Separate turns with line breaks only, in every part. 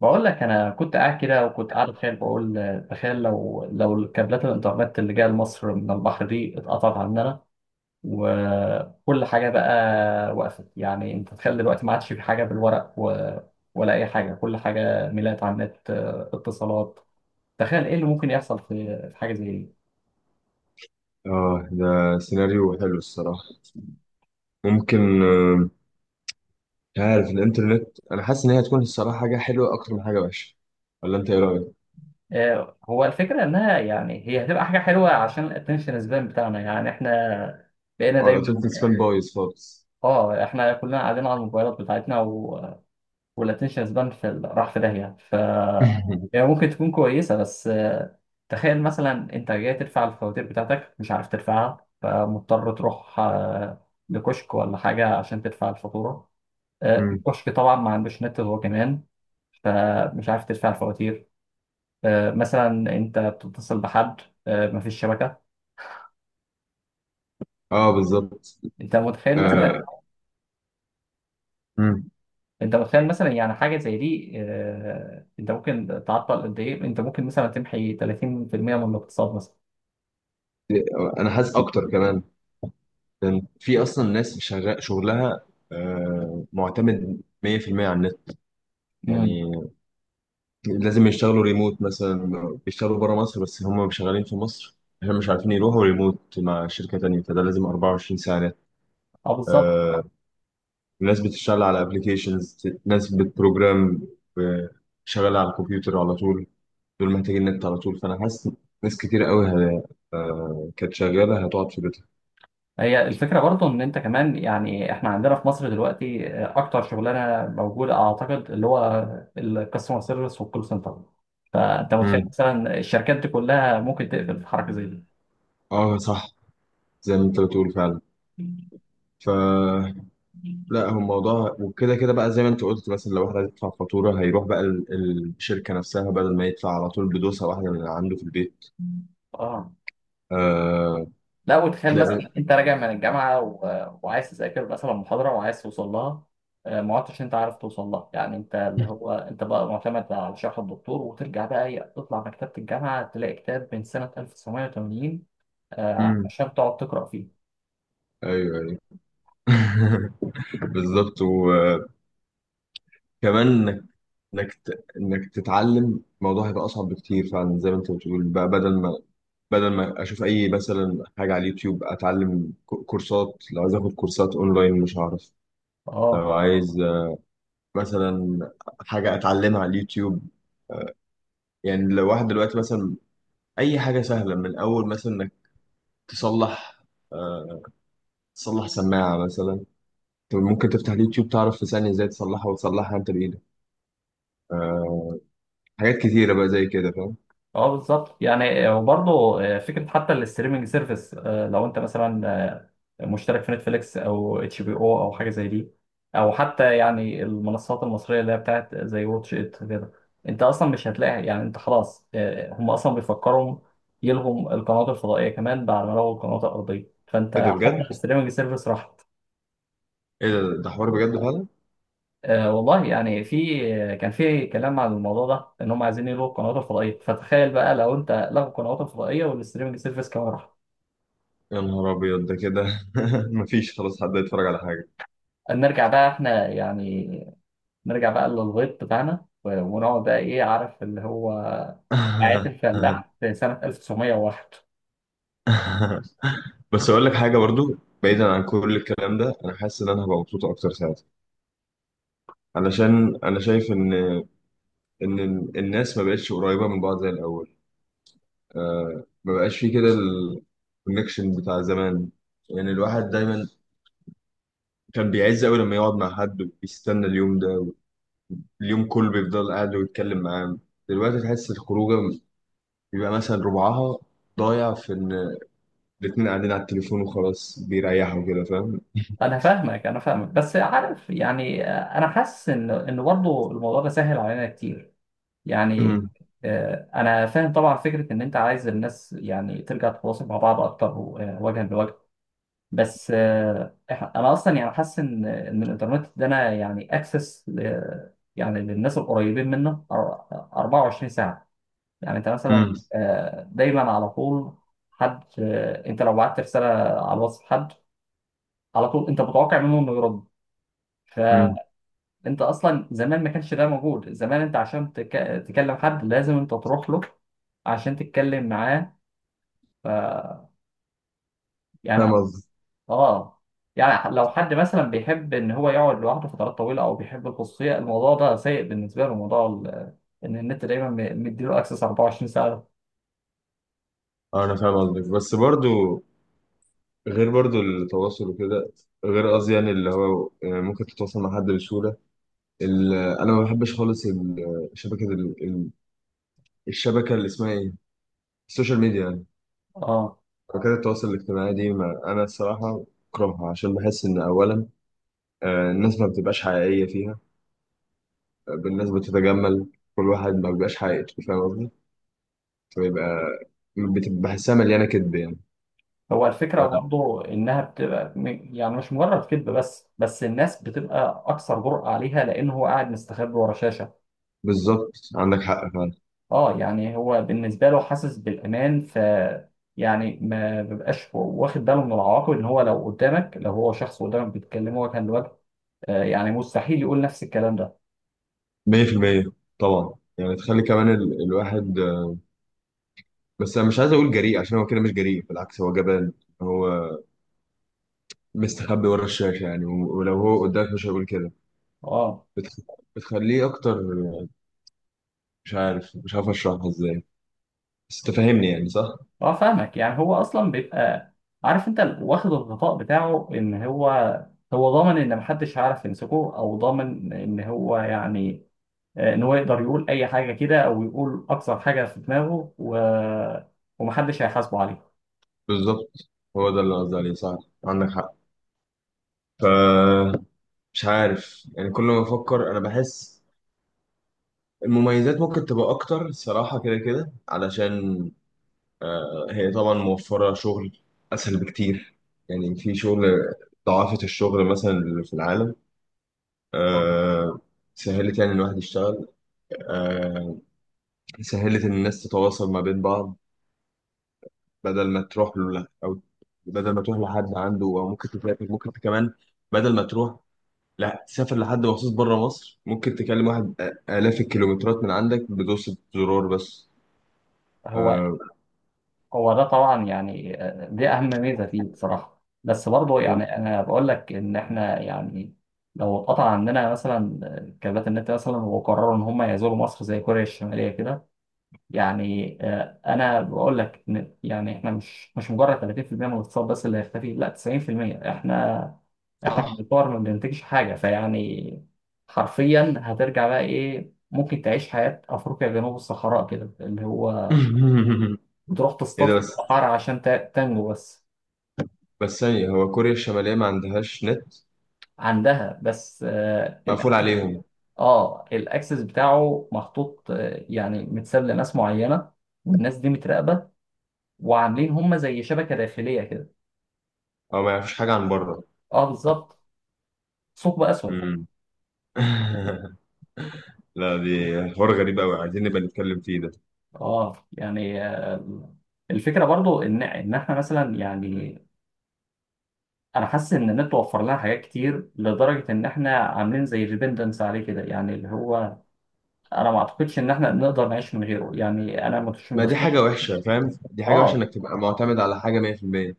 بقول لك انا كنت قاعد كده وكنت قاعد اتخيل بقول تخيل لو كابلات الانترنت اللي جايه لمصر من البحر دي اتقطعت عننا وكل حاجه بقى وقفت، يعني انت تخيل دلوقتي ما عادش في حاجه بالورق ولا اي حاجه، كل حاجه ميلات على النت. اتصالات، تخيل ايه اللي ممكن يحصل في حاجه زي دي.
اه، ده سيناريو حلو الصراحة. ممكن، مش عارف. الانترنت، انا حاسس ان هي هتكون الصراحة حاجة حلوة اكتر من حاجة وحشة. ولا انت ايه رأيك؟
هو الفكره انها يعني هي هتبقى حاجه حلوه عشان الاتنشن سبان بتاعنا، يعني احنا بقينا
اه،
دايما.
الانترنت سبان بايظ خالص.
اه، احنا كلنا قاعدين على الموبايلات بتاعتنا، والاتنشن سبان في راح في داهية. يعني ممكن تكون كويسة، بس تخيل مثلا انت جاي تدفع الفواتير بتاعتك، مش عارف تدفعها، فمضطر تروح لكشك ولا حاجة عشان تدفع الفاتورة.
مم.
الكشك طبعا ما عندوش نت هو كمان، فمش عارف تدفع الفواتير. مثلا انت بتتصل بحد، مفيش شبكة.
اه، بالظبط.
انت متخيل
آه،
مثلا،
مم.
انت متخيل مثلا يعني حاجة زي دي، انت ممكن تعطل قد ايه، انت ممكن مثلا تمحي 30% من الاقتصاد
انا حاسس اكتر كمان، لان في اصلا ناس شغلها معتمد 100% على النت.
مثلا.
يعني لازم يشتغلوا ريموت مثلا، بيشتغلوا بره مصر بس هم شغالين في مصر. احنا مش عارفين يروحوا ريموت مع شركة تانية، فده لازم 24 ساعة.
اه بالظبط.
آه، ناس بتشتغل على ابلكيشنز، ناس بتبروجرام، آه، شغالة على الكمبيوتر على طول. دول محتاجين نت على طول، فأنا حاسس ناس كتير قوي كانت شغالة هتقعد في بيتها.
هي الفكره برضو ان انت كمان، يعني احنا عندنا في مصر دلوقتي اكتر شغلانه موجوده اعتقد، اللي هو الكاستمر سيرفيس والكول سنتر. فانت متخيل
مم.
مثلا الشركات دي كلها ممكن تقفل في حركه زي دي.
اه، صح، زي ما انت بتقول فعلا. ف لا، هو الموضوع وكده كده بقى، زي ما انت قلت مثلا، لو واحد عايز يدفع فاتورة هيروح بقى الشركة نفسها، بدل ما يدفع على طول بدوسة واحدة من عنده في البيت.
اه،
آه.
لا، وتخيل
تلاقي.
مثلا انت راجع من الجامعه وعايز تذاكر مثلا محاضره وعايز توصل لها، ما عدتش انت عارف توصل لها. يعني انت اللي هو انت بقى معتمد على شرح الدكتور، وترجع بقى تطلع مكتبه الجامعه تلاقي كتاب من سنه 1980،
مم.
عشان تقعد تقرا فيه.
ايوه، ايوه. بالظبط، و كمان انك تتعلم الموضوع هيبقى اصعب بكتير فعلا، زي ما انت بتقول بقى، بدل ما اشوف اي مثلا حاجه على اليوتيوب، اتعلم كورسات. لو عايز اخد كورسات اونلاين مش هعرف.
اه
لو عايز مثلا حاجه اتعلمها على اليوتيوب، يعني لو واحد دلوقتي مثلا، اي حاجه سهله، من اول مثلا انك تصلح آه، سماعه مثلا. انت ممكن تفتح اليوتيوب، تعرف في ثانيه ازاي تصلحها، وتصلحها انت بايدك. آه، حاجات كتيره بقى زي كده. فاهم؟
اه بالظبط، يعني وبرضه فكره حتى الاستريمنج سيرفيس. لو انت مثلا مشترك في نتفليكس او اتش بي او، او حاجه زي دي، او حتى يعني المنصات المصريه اللي هي بتاعت زي واتش ات كده، انت اصلا مش هتلاقي. يعني انت خلاص، هم اصلا بيفكروا يلغوا القنوات الفضائيه كمان بعد ما لغوا القنوات الارضيه، فانت
ايه ده
حتى
بجد؟
الاستريمنج سيرفيس راحت.
ايه ده حوار بجد فعلا.
آه والله، يعني في كان في كلام عن الموضوع ده ان هم عايزين يلغوا القنوات الفضائيه، فتخيل بقى لو انت، لغوا القنوات الفضائيه والستريمنج سيرفيس كمان راح.
يا نهار ابيض ده كده! مفيش خلاص حد يتفرج على حاجه.
نرجع بقى احنا، يعني نرجع بقى للغيط بتاعنا، ونقعد بقى ايه، عارف، اللي هو حياة الفلاح في سنه 1901.
بس اقول لك حاجه برضو، بعيدا عن كل الكلام ده، انا حاسس ان انا هبقى مبسوط اكتر ساعتها، علشان انا شايف ان الناس ما بقتش قريبه من بعض زي الاول. ما بقاش في كده الكونكشن بتاع زمان. يعني الواحد دايما كان بيعز قوي لما يقعد مع حد، وبيستنى اليوم ده اليوم كله بيفضل قاعد ويتكلم معاه. دلوقتي تحس الخروجه بيبقى مثلا ربعها ضايع في ان الاتنين قاعدين على التليفون وخلاص، بيريحوا كده. فاهم؟
انا فاهمك انا فاهمك، بس عارف، يعني انا حاسس ان برضه الموضوع ده سهل علينا كتير. يعني
امم.
انا فاهم طبعا فكره ان انت عايز الناس يعني ترجع تتواصل مع بعض اكتر، وجها لوجه. بس انا اصلا يعني حاسس ان الانترنت ده، انا يعني اكسس يعني للناس القريبين منه 24 ساعه. يعني انت مثلا
امم.
دايما على طول حد، انت لو بعت رساله على الواتس حد، على طول انت متوقع منه انه يرد.
امم.
فانت اصلا زمان ما كانش ده موجود. زمان انت عشان تكلم حد لازم انت تروح له عشان تتكلم معاه. ف...
فاهم
يعني.
قصدي؟
اه. يعني لو حد مثلا بيحب ان هو يقعد لوحده فترات طويله، او بيحب الخصوصيه، الموضوع ده سيء بالنسبه له. موضوع ان النت دايما مديله اكسس 24 ساعه.
اه، انا فاهم قصدك، بس برضو، غير برضو التواصل وكده، غير قصدي يعني اللي هو، يعني ممكن تتواصل مع حد بسهولة. انا ما بحبش خالص الشبكة اللي اسمها ايه، السوشيال ميديا يعني،
اه،
شبكات التواصل الاجتماعي دي. ما انا الصراحة بكرهها، عشان بحس ان اولا الناس ما بتبقاش حقيقية فيها. الناس بتتجمل، كل واحد ما بيبقاش حقيقته. فاهم قصدي؟ بيبقى بتبقى بحسها مليانة كدب يعني.
هو الفكره
آه،
برضه انها بتبقى يعني مش مجرد كذب، بس الناس بتبقى اكثر جرأة عليها لان هو قاعد مستخبي ورا شاشه.
بالظبط، عندك حق فعلا.
اه، يعني هو بالنسبه له حاسس بالامان. يعني ما بيبقاش واخد باله من العواقب، ان هو لو قدامك، لو هو شخص قدامك بيتكلم وجها لوجه، يعني مستحيل يقول نفس الكلام ده.
100% طبعا. يعني تخلي كمان الواحد، بس انا مش عايز اقول جريء، عشان هو كده مش جريء، بالعكس هو جبان. هو مستخبي ورا الشاشة يعني، ولو هو قدامك مش هيقول كده.
اه
بتخ... بتخليه اكتر. مش عارف اشرحها ازاي، بس تفهمني يعني صح؟
اه فاهمك، يعني هو اصلا بيبقى عارف انت، واخد الغطاء بتاعه ان هو، ضامن ان محدش هيعرف يمسكه، او ضامن ان هو، يعني ان هو يقدر يقول اي حاجه كده، او يقول اكثر حاجه في دماغه ومحدش هيحاسبه عليه.
بالظبط، هو ده اللي قصدي عليه صح، عندك حق. ف مش عارف يعني، كل ما افكر انا بحس المميزات ممكن تبقى اكتر الصراحه، كده كده علشان هي طبعا موفره شغل اسهل بكتير. يعني في شغل ضعافه، الشغل مثلا اللي في العالم
آه.
آه، سهلت يعني الواحد يشتغل. آه، سهلت ان الناس تتواصل ما بين بعض، بدل ما تروح له، او بدل ما تروح لحد عنده، او ممكن تسافر. ممكن كمان، بدل ما تروح، لا تسافر لحد مخصوص بره مصر، ممكن تكلم واحد آلاف الكيلومترات من عندك بدوسة زرار بس.
هو
آه،
هو ده طبعا، يعني دي اهم ميزه فيه بصراحه. بس برضه يعني انا بقول لك ان احنا، يعني لو اتقطع عندنا مثلا كابات النت مثلا، وقرروا ان هم يزوروا مصر زي كوريا الشماليه كده. يعني انا بقول لك إن يعني احنا مش مجرد 30% من الاقتصاد بس اللي هيختفي، لا، 90%. احنا
صح.
بنطور، ما بننتجش حاجه. فيعني حرفيا هترجع بقى ايه، ممكن تعيش حياه افريقيا جنوب الصحراء كده، اللي هو بتروح
ايه
تصطاد
ده
في
بس!
الصحراء عشان تنجو بس.
بس ثانية، هو كوريا الشمالية ما عندهاش نت؟
عندها، بس آه
مقفول
الاكسس.
عليهم،
اه، الاكسس بتاعه محطوط، يعني متساب لناس معينه، والناس دي متراقبه، وعاملين هم زي شبكه داخليه كده.
او ما يعرفوش حاجة عن بره؟
اه بالظبط. ثقب اسود.
امم. لا، دي حوار غريب قوي، عايزين نبقى نتكلم فيه ده.
اه، يعني الفكره برضو ان احنا مثلا، يعني انا حاسس ان النت وفر لنا حاجات كتر لدرجه ان احنا عاملين زي ديبندنس عليه كده، يعني اللي هو انا ما اعتقدش ان احنا نقدر نعيش من غيره. يعني انا مش
ما دي حاجة
متخيل يعني.
وحشة، فاهم، دي حاجة وحشة
اه،
انك تبقى معتمد على حاجة 100%.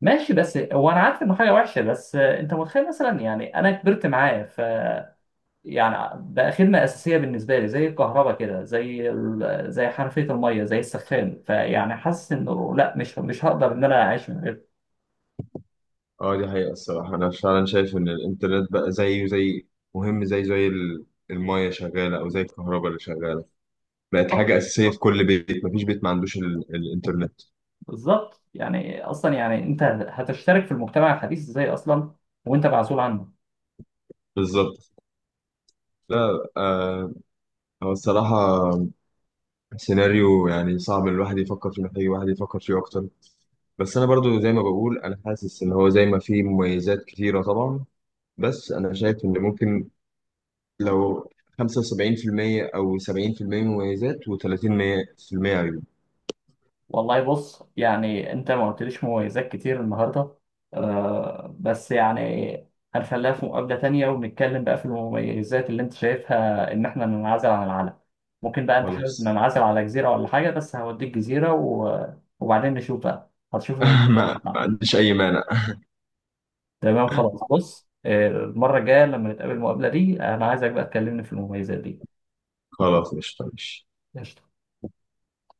ماشي. بس هو انا عارف انه حاجه وحشه، بس انت متخيل مثلا، يعني انا كبرت معاه. يعني بقى خدمة أساسية بالنسبة لي، زي الكهرباء كده، زي زي حنفية المية، زي السخان. فيعني حاسس إنه لا، مش هقدر إن أنا أعيش من غير.
اه، دي حقيقة الصراحة. انا فعلا شايف ان الانترنت بقى زيه زي، مهم زي المية شغالة، او زي الكهرباء اللي شغالة. بقت
آه،
حاجة أساسية في كل بيت، مفيش بيت ما عندوش الانترنت.
بالظبط. يعني أصلا، يعني أنت هتشترك في المجتمع الحديث إزاي أصلا وأنت معزول عنه؟
بالظبط، لا. هو الصراحة سيناريو يعني صعب الواحد يفكر فيه، محتاج الواحد يفكر فيه اكتر. بس انا برضو زي ما بقول، انا حاسس ان هو زي ما فيه مميزات كتيرة طبعا، بس انا شايف ان ممكن، لو 75% او 70% مميزات و30% عيوب.
والله بص، يعني انت ما قلتليش مميزات كتير النهارده آه. بس يعني هنخليها في مقابلة تانية، ونتكلم بقى في المميزات اللي انت شايفها. ان احنا ننعزل عن العالم، ممكن بقى. انت حابب
خلاص.
ننعزل على جزيرة ولا حاجة؟ بس هوديك جزيرة وبعدين نشوف بقى، هتشوف المميزات
ما
بتاعها.
عنديش اي مانع.
تمام خلاص. بص المرة الجاية لما نتقابل المقابلة دي، انا عايزك بقى تكلمني في المميزات دي.
خلاص، مش طيب.
قشطة